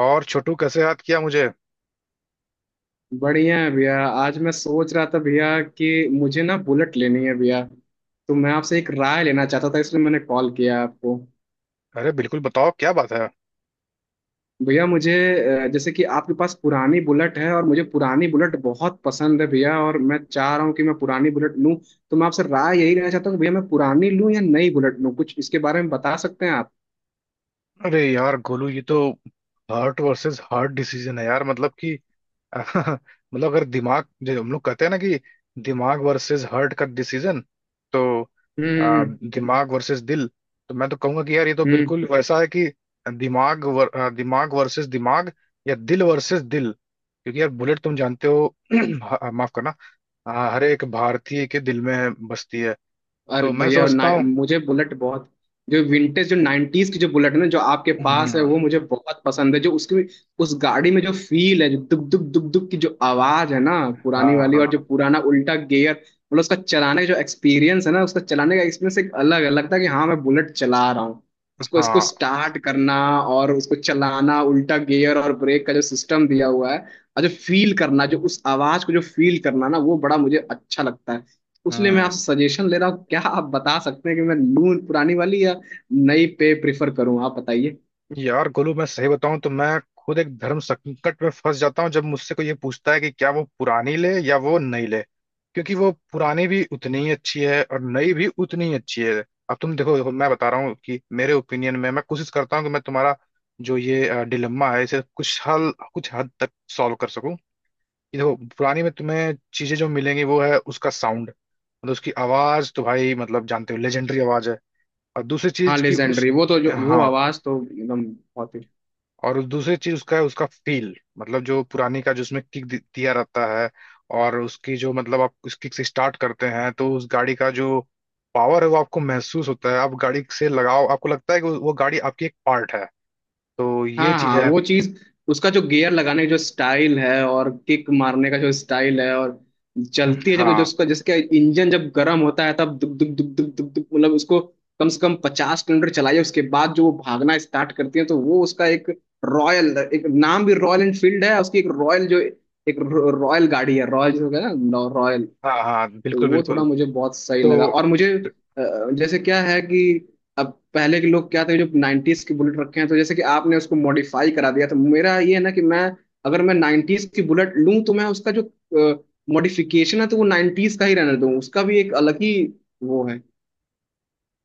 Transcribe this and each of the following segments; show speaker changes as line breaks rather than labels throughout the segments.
और छोटू, कैसे याद किया मुझे?
बढ़िया है भैया। आज मैं सोच रहा था भैया कि मुझे ना बुलेट लेनी है भैया। तो मैं आपसे एक राय लेना चाहता था इसलिए मैंने कॉल किया है आपको।
अरे बिल्कुल, बताओ क्या बात है।
भैया मुझे जैसे कि आपके पास पुरानी बुलेट है और मुझे पुरानी बुलेट बहुत पसंद है भैया और मैं चाह रहा हूँ कि मैं पुरानी बुलेट लूँ। तो मैं आपसे राय यही लेना चाहता हूँ कि भैया मैं पुरानी लूँ या नई बुलेट लूँ, कुछ इसके बारे में बता सकते हैं आप?
अरे यार गोलू, ये तो हार्ट वर्सेस हार्ट डिसीजन है यार। मतलब कि मतलब अगर दिमाग, जो हम लोग कहते हैं ना कि दिमाग वर्सेस हार्ट का डिसीजन। तो
हम्म।
दिमाग वर्सेस दिल। तो मैं तो कहूंगा कि यार ये तो
हम्म।
बिल्कुल वैसा है कि दिमाग वर्सेस दिमाग या दिल वर्सेस दिल। क्योंकि यार, बुलेट तुम जानते हो माफ करना। हर एक भारतीय के दिल में बसती है।
अरे
तो मैं
भैया
समझता हूँ।
मुझे बुलेट बहुत। जो विंटेज जो नाइन्टीज की जो बुलेट है ना जो आपके पास है
हम्म।
वो मुझे बहुत पसंद है, जो उसकी उस गाड़ी में जो फील है, जो दुब दुब दुब दुब की जो आवाज है ना पुरानी
हाँ
वाली, और
हाँ
जो पुराना उल्टा गियर, मतलब उसका चलाने का जो एक्सपीरियंस है ना, उसका चलाने का एक्सपीरियंस एक अलग है, लगता है कि हाँ मैं बुलेट चला रहा हूँ। उसको इसको
हाँ।
स्टार्ट करना और उसको चलाना, उल्टा गियर और ब्रेक का जो सिस्टम दिया हुआ है, और जो फील करना, जो उस आवाज को जो फील करना ना, वो बड़ा मुझे अच्छा लगता है। उसलिए मैं आपसे
हम्म।
सजेशन ले रहा हूँ, क्या आप बता सकते हैं कि मैं लूं पुरानी वाली या नई पे प्रिफर करूँ? आप बताइए।
यार गोलू, मैं सही बताऊं तो मैं खुद एक धर्म संकट में फंस जाता हूँ जब मुझसे कोई ये पूछता है कि क्या वो पुरानी ले या वो नई ले। क्योंकि वो पुरानी भी उतनी ही अच्छी है और नई भी उतनी ही अच्छी है। अब तुम देखो, देखो मैं बता रहा हूँ कि मेरे ओपिनियन में, मैं कोशिश करता हूँ कि मैं तुम्हारा जो ये डिलेम्मा है इसे कुछ हल, कुछ हद तक सॉल्व कर सकूं। कि देखो, पुरानी में तुम्हें चीजें जो मिलेंगी वो है उसका साउंड। मतलब उसकी आवाज तो भाई, मतलब जानते हो, लेजेंडरी आवाज है। और दूसरी
हाँ
चीज की उस,
लेजेंडरी, वो तो जो वो
हाँ,
आवाज तो एकदम बहुत ही।
और दूसरी चीज उसका है उसका फील। मतलब जो पुरानी का, जो उसमें किक दिया रहता है, और उसकी जो, मतलब आप उस किक से स्टार्ट करते हैं तो उस गाड़ी का जो पावर है वो आपको महसूस होता है। आप गाड़ी से लगाओ आपको लगता है कि वो गाड़ी आपकी एक पार्ट है। तो ये
हाँ
चीज
हाँ
है।
वो चीज, उसका जो गियर लगाने का जो स्टाइल है और किक मारने का जो स्टाइल है, और चलती है जब, जो
हाँ
उसका जिसका इंजन जब गर्म होता है तब दुक दुक दुक दुक दुक दुक, मतलब उसको कम से कम 50 किलोमीटर चलाइए उसके बाद जो वो भागना स्टार्ट करती है तो वो उसका एक रॉयल, एक नाम भी रॉयल एनफील्ड है, उसकी एक रॉयल जो एक रॉयल गाड़ी है, रॉयल जो है ना रॉयल।
हाँ। हाँ, बिल्कुल
वो थोड़ा
बिल्कुल।
मुझे बहुत सही लगा
तो
और मुझे अ, जैसे क्या है कि अब पहले के लोग क्या थे जो 90s की बुलेट रखे हैं, तो जैसे कि आपने उसको मॉडिफाई करा दिया, तो मेरा ये है ना कि मैं अगर मैं 90s की बुलेट लूं तो मैं उसका जो मॉडिफिकेशन है तो वो 90s का ही रहने दूं, उसका भी एक अलग ही वो है।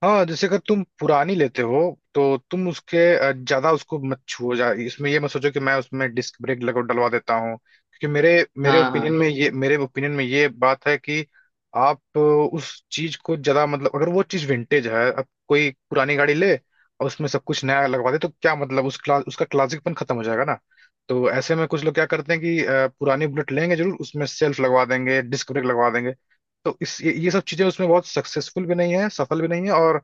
हाँ, जैसे अगर तुम पुरानी लेते हो तो तुम उसके ज्यादा उसको मत छुओ। जा इसमें ये मत सोचो कि मैं उसमें डिस्क ब्रेक लगा डलवा देता हूँ। क्योंकि मेरे मेरे
हाँ हाँ।
ओपिनियन में ये, मेरे ओपिनियन में ये बात है कि आप उस चीज को ज्यादा, मतलब अगर वो चीज विंटेज है, अब कोई पुरानी गाड़ी ले और उसमें सब कुछ नया लगवा दे तो क्या मतलब उसका क्लासिकपन खत्म हो जाएगा ना। तो ऐसे में कुछ लोग क्या करते हैं कि पुरानी बुलेट लेंगे जरूर, उसमें सेल्फ लगवा देंगे, डिस्क ब्रेक लगवा देंगे। तो ये सब चीजें उसमें बहुत सक्सेसफुल भी नहीं है, सफल भी नहीं है, और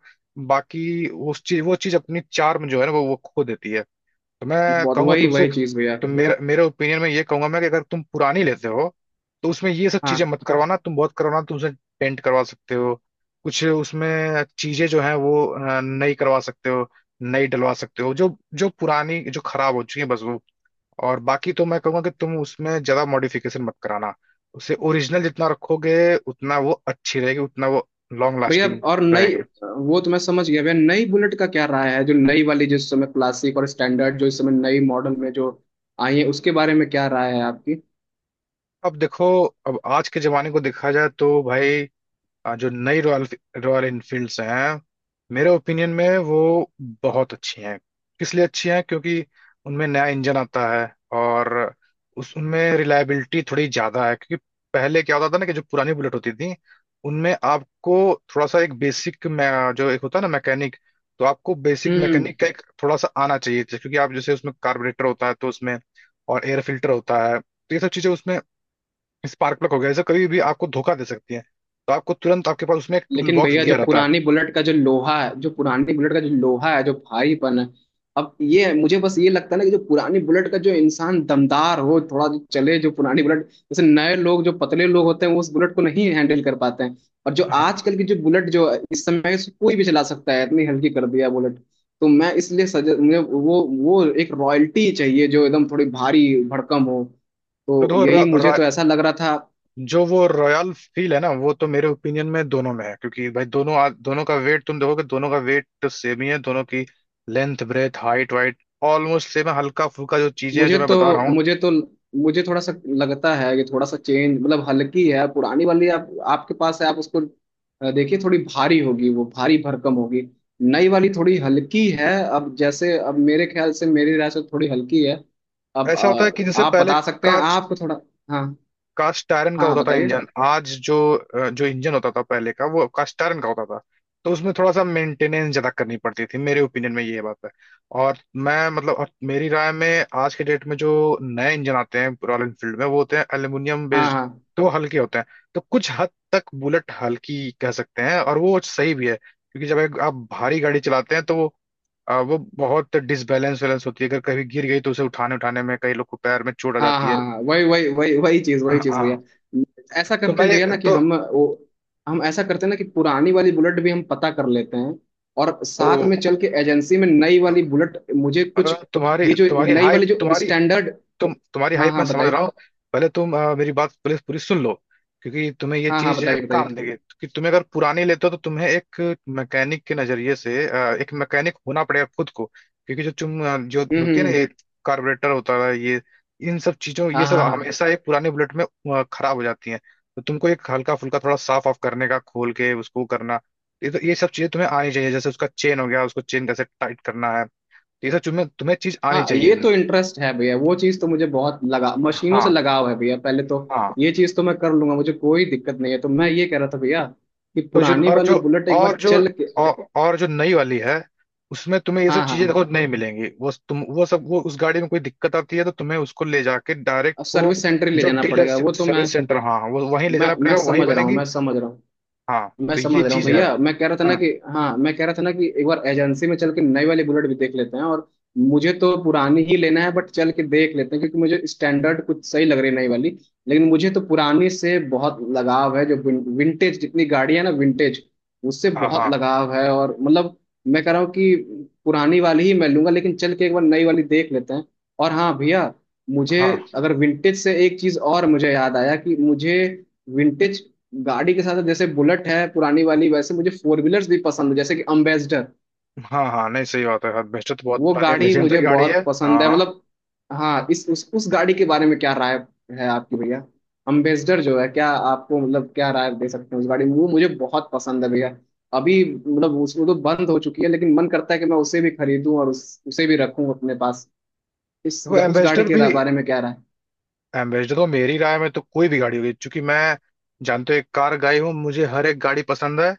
बाकी उस चीज, वो चीज अपनी चार्म जो है ना, वो खो देती है। तो मैं
बहुत
कहूंगा
वही
तुमसे,
वही चीज भैया।
तो मेरा, मेरे ओपिनियन में ये कहूंगा मैं कि अगर तुम पुरानी लेते हो तो उसमें ये सब चीजें
हाँ
मत करवाना। तुम बहुत करवाना तुमसे, पेंट करवा सकते हो, कुछ उसमें चीजें जो है वो नई करवा सकते हो, नई डलवा सकते हो जो जो पुरानी जो खराब हो चुकी है, बस। और बाकी तो मैं कहूंगा कि तुम उसमें ज्यादा मॉडिफिकेशन मत कराना। उसे ओरिजिनल जितना रखोगे उतना वो अच्छी रहेगी, उतना वो लॉन्ग
भैया
लास्टिंग
और नई
रहेगी।
वो तो मैं समझ गया भैया। नई बुलेट का क्या राय है, जो नई वाली जो इस समय क्लासिक और स्टैंडर्ड जो इस समय नई मॉडल में जो आई है उसके बारे में क्या राय है आपकी?
अब देखो, अब आज के जमाने को देखा जाए तो भाई जो नई रॉयल रॉयल इनफील्ड्स हैं, मेरे ओपिनियन में वो बहुत अच्छी हैं। किस लिए अच्छी हैं? क्योंकि उनमें नया इंजन आता है, और उस उनमें रिलायबिलिटी थोड़ी ज़्यादा है। क्योंकि पहले क्या होता था ना कि जो पुरानी बुलेट होती थी, उनमें आपको थोड़ा सा एक बेसिक, जो एक होता है ना मैकेनिक, तो आपको बेसिक
हम्म।
मैकेनिक का एक थोड़ा सा आना चाहिए था। क्योंकि आप जैसे उसमें कार्बोरेटर होता है तो उसमें, और एयर फिल्टर होता है, तो ये सब चीज़ें उसमें, स्पार्क प्लग हो गया, जैसे कभी भी आपको धोखा दे सकती है। तो आपको तुरंत, आपके पास उसमें एक टूल
लेकिन
बॉक्स
भैया
दिया
जो
रहता है।
पुरानी बुलेट का जो लोहा है, जो पुरानी बुलेट का जो लोहा है, जो भारीपन है, अब ये मुझे बस ये लगता है ना कि जो पुरानी बुलेट का जो इंसान दमदार हो थोड़ा जो चले जो पुरानी बुलेट, जैसे नए लोग जो पतले लोग होते हैं वो उस बुलेट को नहीं हैंडल कर पाते हैं। और जो
हाँ।
आजकल की जो बुलेट जो है, इस समय से कोई भी चला सकता है, इतनी हल्की कर दिया बुलेट। तो मैं इसलिए सजे मुझे वो एक रॉयल्टी चाहिए जो एकदम थोड़ी भारी भड़कम हो।
तो
तो यही मुझे तो ऐसा लग रहा था।
जो वो रॉयल फील है ना, वो तो मेरे ओपिनियन में दोनों में है। क्योंकि भाई दोनों दोनों का वेट तुम देखोगे, दोनों का वेट तो सेम ही है। दोनों की length, breadth, height, weight almost same है। हल्का फुल्का जो चीजें हैं
मुझे
जो मैं
तो
बता रहा हूँ।
मुझे तो मुझे थोड़ा सा लगता है कि थोड़ा सा चेंज, मतलब हल्की है पुरानी वाली, आप आपके पास है आप उसको देखिए थोड़ी भारी होगी, वो भारी भरकम होगी। नई वाली थोड़ी हल्की है, अब जैसे अब मेरे ख्याल से मेरी राय से थोड़ी हल्की है। अब
ऐसा होता है कि जिससे
आप
पहले
बता सकते हैं आप
कास्ट
थोड़ा। हाँ
कास्ट आयरन का
हाँ
होता था
बताइए।
इंजन। आज जो जो इंजन होता था पहले का वो कास्ट आयरन का होता था। तो उसमें थोड़ा सा मेंटेनेंस ज्यादा करनी पड़ती थी, मेरे ओपिनियन में ये बात है। और मैं मतलब, और मेरी राय में आज के डेट में जो नए इंजन आते हैं रॉयल एनफील्ड में, वो होते हैं एल्यूमिनियम
हाँ।
बेस्ड।
हाँ
तो वो हल्के होते हैं। तो कुछ हद तक बुलेट हल्की कह सकते हैं, और वो सही भी है क्योंकि जब एक आप भारी गाड़ी चलाते हैं तो वो वो बहुत डिसबैलेंस वैलेंस होती है। अगर कभी गिर गई तो उसे उठाने उठाने में कई लोग को पैर में चोट आ
हाँ
जाती
हाँ
है।
हाँ, वही वही वही वही चीज, वही चीज भैया।
हाँ।
ऐसा
तो
करते
मैं
हैं भैया
ये-
ना कि हम ऐसा करते हैं ना कि पुरानी वाली बुलेट भी हम पता कर लेते हैं और
तो
साथ में चल के एजेंसी में नई वाली बुलेट मुझे कुछ,
तुम्हारी,
ये जो
तुम्हारी
नई
हाइप,
वाली जो
तुम्हारी,
स्टैंडर्ड।
तुम्हारी
हाँ
हाइप मैं
हाँ
समझ
बताइए।
रहा हूँ। पहले तुम मेरी बात पहले पूरी सुन लो। क्योंकि तुम्हें ये
हाँ हाँ
चीज
बताइए
काम
बताइए।
देगी। कि तुम्हें अगर पुराने लेते हो तो तुम्हें एक मैकेनिक के नजरिए से, एक मैकेनिक होना पड़ेगा खुद को। क्योंकि जो तुम जो होती है ना
हम्म।
ये कार्बोरेटर होता है, ये इन सब चीजों, ये
हाँ
सब
हाँ हाँ।
हमेशा एक पुराने बुलेट में खराब हो जाती है। तो तुमको एक हल्का फुल्का थोड़ा साफ ऑफ करने का, खोल के उसको करना, ये तो ये सब चीजें तुम्हें आनी चाहिए। जैसे उसका चेन हो गया, उसको चेन कैसे टाइट करना है, तो ये सब तुम्हें, तुम्हें चीज आनी
हाँ
चाहिए।
ये तो इंटरेस्ट है भैया, वो चीज तो मुझे बहुत लगा, मशीनों से
हाँ
लगाव है भैया पहले तो।
हाँ।
ये चीज तो मैं कर लूंगा, मुझे कोई दिक्कत नहीं है। तो मैं ये कह रहा था भैया कि
तो
पुरानी वाली बुलेट एक बार
और जो
चल के।
और जो नई वाली है, उसमें तुम्हें ये सब
हाँ
चीजें देखो
हाँ
नहीं मिलेंगी। वो तुम, वो सब, वो उस गाड़ी में कोई दिक्कत आती है तो तुम्हें उसको ले जाके डायरेक्ट वो,
सर्विस सेंटर ही ले
जो
जाना
डीलर
पड़ेगा, वो तो मैं
सर्विस सेंटर, हाँ हाँ, वो वहीं ले
मैं
जाना
मैं
पड़ेगा, वहीं
समझ रहा हूँ।
बनेंगी।
मैं समझ रहा हूँ।
हाँ,
मैं
तो ये
समझ रहा हूँ
चीज है।
भैया। मैं कह रहा था ना
हाँ
कि, हाँ मैं कह रहा था ना कि एक बार एजेंसी में चल के नई वाली बुलेट भी देख लेते हैं, और मुझे तो पुरानी ही लेना है बट चल के देख लेते हैं क्योंकि मुझे स्टैंडर्ड कुछ सही लग रही है नई वाली। लेकिन मुझे तो पुरानी से बहुत लगाव है, जो विंटेज जितनी गाड़ी है ना विंटेज, उससे
हाँ
बहुत
हाँ
लगाव है और मतलब, मैं कह रहा हूँ कि पुरानी वाली ही मैं लूंगा, लेकिन चल के एक बार नई वाली देख लेते हैं। और हाँ भैया मुझे,
हाँ
अगर विंटेज से एक चीज और मुझे याद आया कि मुझे विंटेज गाड़ी के साथ, जैसे बुलेट है पुरानी वाली, वैसे मुझे फोर व्हीलर्स भी पसंद है जैसे कि अम्बेसडर।
हाँ। हाँ, नहीं, सही बात है, एम्बेसडर तो बहुत
वो
पुरानी
गाड़ी मुझे
लेजेंडरी गाड़ी है।
बहुत पसंद
हाँ
है
हाँ।
मतलब। हाँ इस उस गाड़ी के बारे में क्या राय है आपकी भैया? अम्बेसडर जो है क्या आपको, मतलब क्या राय दे सकते हैं, उस गाड़ी में, वो मुझे बहुत पसंद है भैया। अभी मतलब उस, वो तो बंद हो चुकी है लेकिन मन करता है कि मैं उसे भी खरीदूं और उसे भी रखूं अपने पास। इस
देखो,
उस गाड़ी
एम्बेसडर
के
भी,
बारे में क्या राय?
एम्बेसडर तो मेरी राय में तो कोई भी गाड़ी होगी, क्योंकि मैं, जानते हो, एक कार गाई हूँ, मुझे हर एक गाड़ी पसंद है।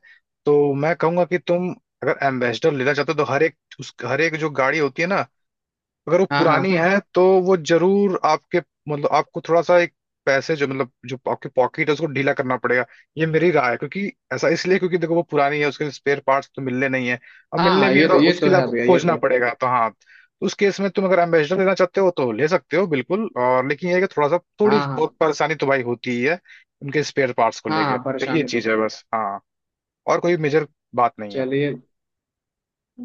तो मैं कहूंगा कि तुम अगर एम्बेसडर लेना चाहते हो तो हर एक उस, हर एक जो गाड़ी होती है ना, अगर वो
हाँ
पुरानी
हाँ
है तो वो जरूर आपके, मतलब आपको थोड़ा सा एक पैसे, जो मतलब जो आपके पॉकेट है उसको ढीला करना पड़ेगा। ये मेरी राय है। क्योंकि ऐसा इसलिए क्योंकि देखो वो पुरानी है, उसके स्पेयर पार्ट्स तो मिलने नहीं है। और
हाँ
मिलने
हाँ
भी है
ये तो,
तो
ये
उसके
तो
लिए
है
आपको
भैया, ये
खोजना
तो है।
पड़ेगा। तो हाँ, तो उस केस में तुम अगर एम्बेसडर लेना चाहते हो तो ले सकते हो बिल्कुल। और लेकिन ये है कि थोड़ा सा, थोड़ी
हाँ हाँ।
बहुत परेशानी तो भाई होती ही है उनके स्पेयर पार्ट्स को
हाँ
लेके।
हाँ
तो ये
परेशानी
चीज
तो।
है, बस। हाँ, और कोई मेजर बात नहीं है।
चलिए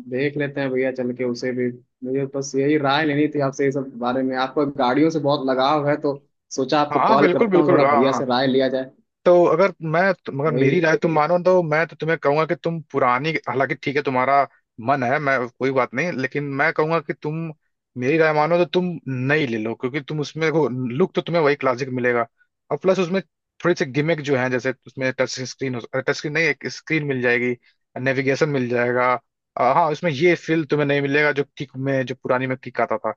देख लेते हैं भैया चल के उसे भी। मुझे बस यही राय लेनी थी आपसे, ये सब बारे में आपको गाड़ियों से बहुत लगाव है तो सोचा
हाँ
आपको
हाँ,
कॉल
बिल्कुल
करता हूँ, थोड़ा
बिल्कुल। हाँ
भैया
हाँ।
से राय लिया जाए।
तो अगर मैं, मगर मेरी
वही।
राय तुम मानो तो मैं तो तुम्हें कहूंगा कि तुम पुरानी, हालांकि ठीक है तुम्हारा मन है, मैं, कोई बात नहीं, लेकिन मैं कहूंगा कि तुम मेरी राय मानो तो तुम नई ले लो। क्योंकि तुम उसमें देखो, लुक तो तुम्हें वही क्लासिक मिलेगा, और प्लस उसमें थोड़ी सी गिमिक जो है, जैसे उसमें टच स्क्रीन, टच स्क्रीन नहीं, एक स्क्रीन मिल जाएगी, नेविगेशन मिल जाएगा। हाँ, उसमें ये फील तुम्हें नहीं मिलेगा जो किक में, जो पुरानी में किक आता था,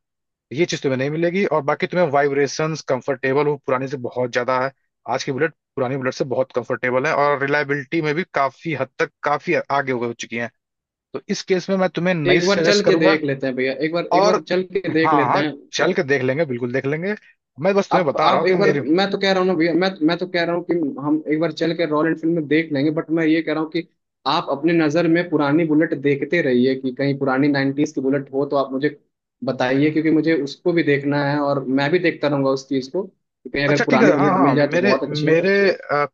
ये चीज तुम्हें नहीं मिलेगी। और बाकी तुम्हें वाइब्रेशंस, कंफर्टेबल हो पुरानी से बहुत ज्यादा है, आज की बुलेट पुरानी बुलेट से बहुत कंफर्टेबल है, और रिलायबिलिटी में भी काफी हद तक काफी आगे हो चुकी है। तो इस केस में मैं तुम्हें नई
एक बार चल
सजेस्ट
के
करूंगा।
देख लेते हैं भैया, एक
और
बार चल के देख
हाँ
लेते
हाँ,
हैं।
चल के देख लेंगे, बिल्कुल देख लेंगे। मैं बस तुम्हें
आप
बता रहा
आप
हूँ कि
एक बार,
मेरी,
मैं तो कह रहा हूँ ना भैया, मैं तो कह रहा हूँ कि हम एक बार चल के रॉयल एनफील्ड में देख लेंगे बट मैं ये कह रहा हूँ कि आप अपने नज़र में पुरानी बुलेट देखते रहिए कि कहीं पुरानी नाइन्टीज की बुलेट हो तो आप मुझे बताइए, क्योंकि मुझे उसको भी देखना है और मैं भी देखता रहूंगा उस चीज़ को कि कहीं
अच्छा
अगर
ठीक है,
पुरानी
हाँ
बुलेट
हाँ।
मिल जाए तो
मेरे
बहुत अच्छी है।
मेरे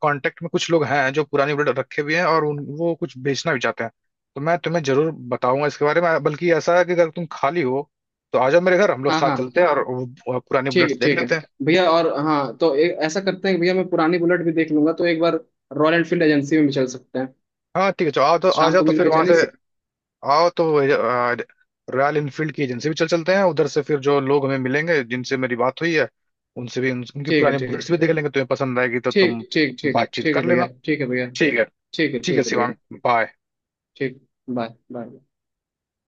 कांटेक्ट में कुछ लोग हैं जो पुरानी ब्लेड रखे भी हैं, और वो कुछ बेचना भी चाहते हैं। तो मैं तुम्हें जरूर बताऊंगा इसके बारे में। बल्कि ऐसा है कि अगर तुम खाली हो तो आ जाओ मेरे घर, हम लोग
हाँ
साथ
हाँ।
चलते हैं और वो पुरानी बुलेट्स देख
ठीक है
लेते हैं।
भैया। और हाँ तो ऐसा करते हैं कि भैया मैं पुरानी बुलेट भी देख लूंगा तो एक बार रॉयल एनफील्ड एजेंसी में भी चल सकते हैं।
हाँ ठीक है, चलो आओ तो। आ
शाम
जाओ
को
तो
मिल
फिर
के
वहां
चलिए।
से, आओ तो रॉयल इनफील्ड की एजेंसी भी चल चलते हैं उधर से। फिर जो लोग हमें मिलेंगे, जिनसे मेरी बात हुई है, उनसे भी उनकी
ठीक है।
पुरानी
ठीक है।
बुलेट्स भी देख लेंगे। तुम्हें पसंद आएगी तो तुम
ठीक ठीक ठीक
बातचीत
ठीक है
कर
भैया।
लेना।
ठीक है भैया।
ठीक है?
ठीक है।
ठीक है
ठीक है भैया।
शिवांग, बाय।
ठीक। Bye bye.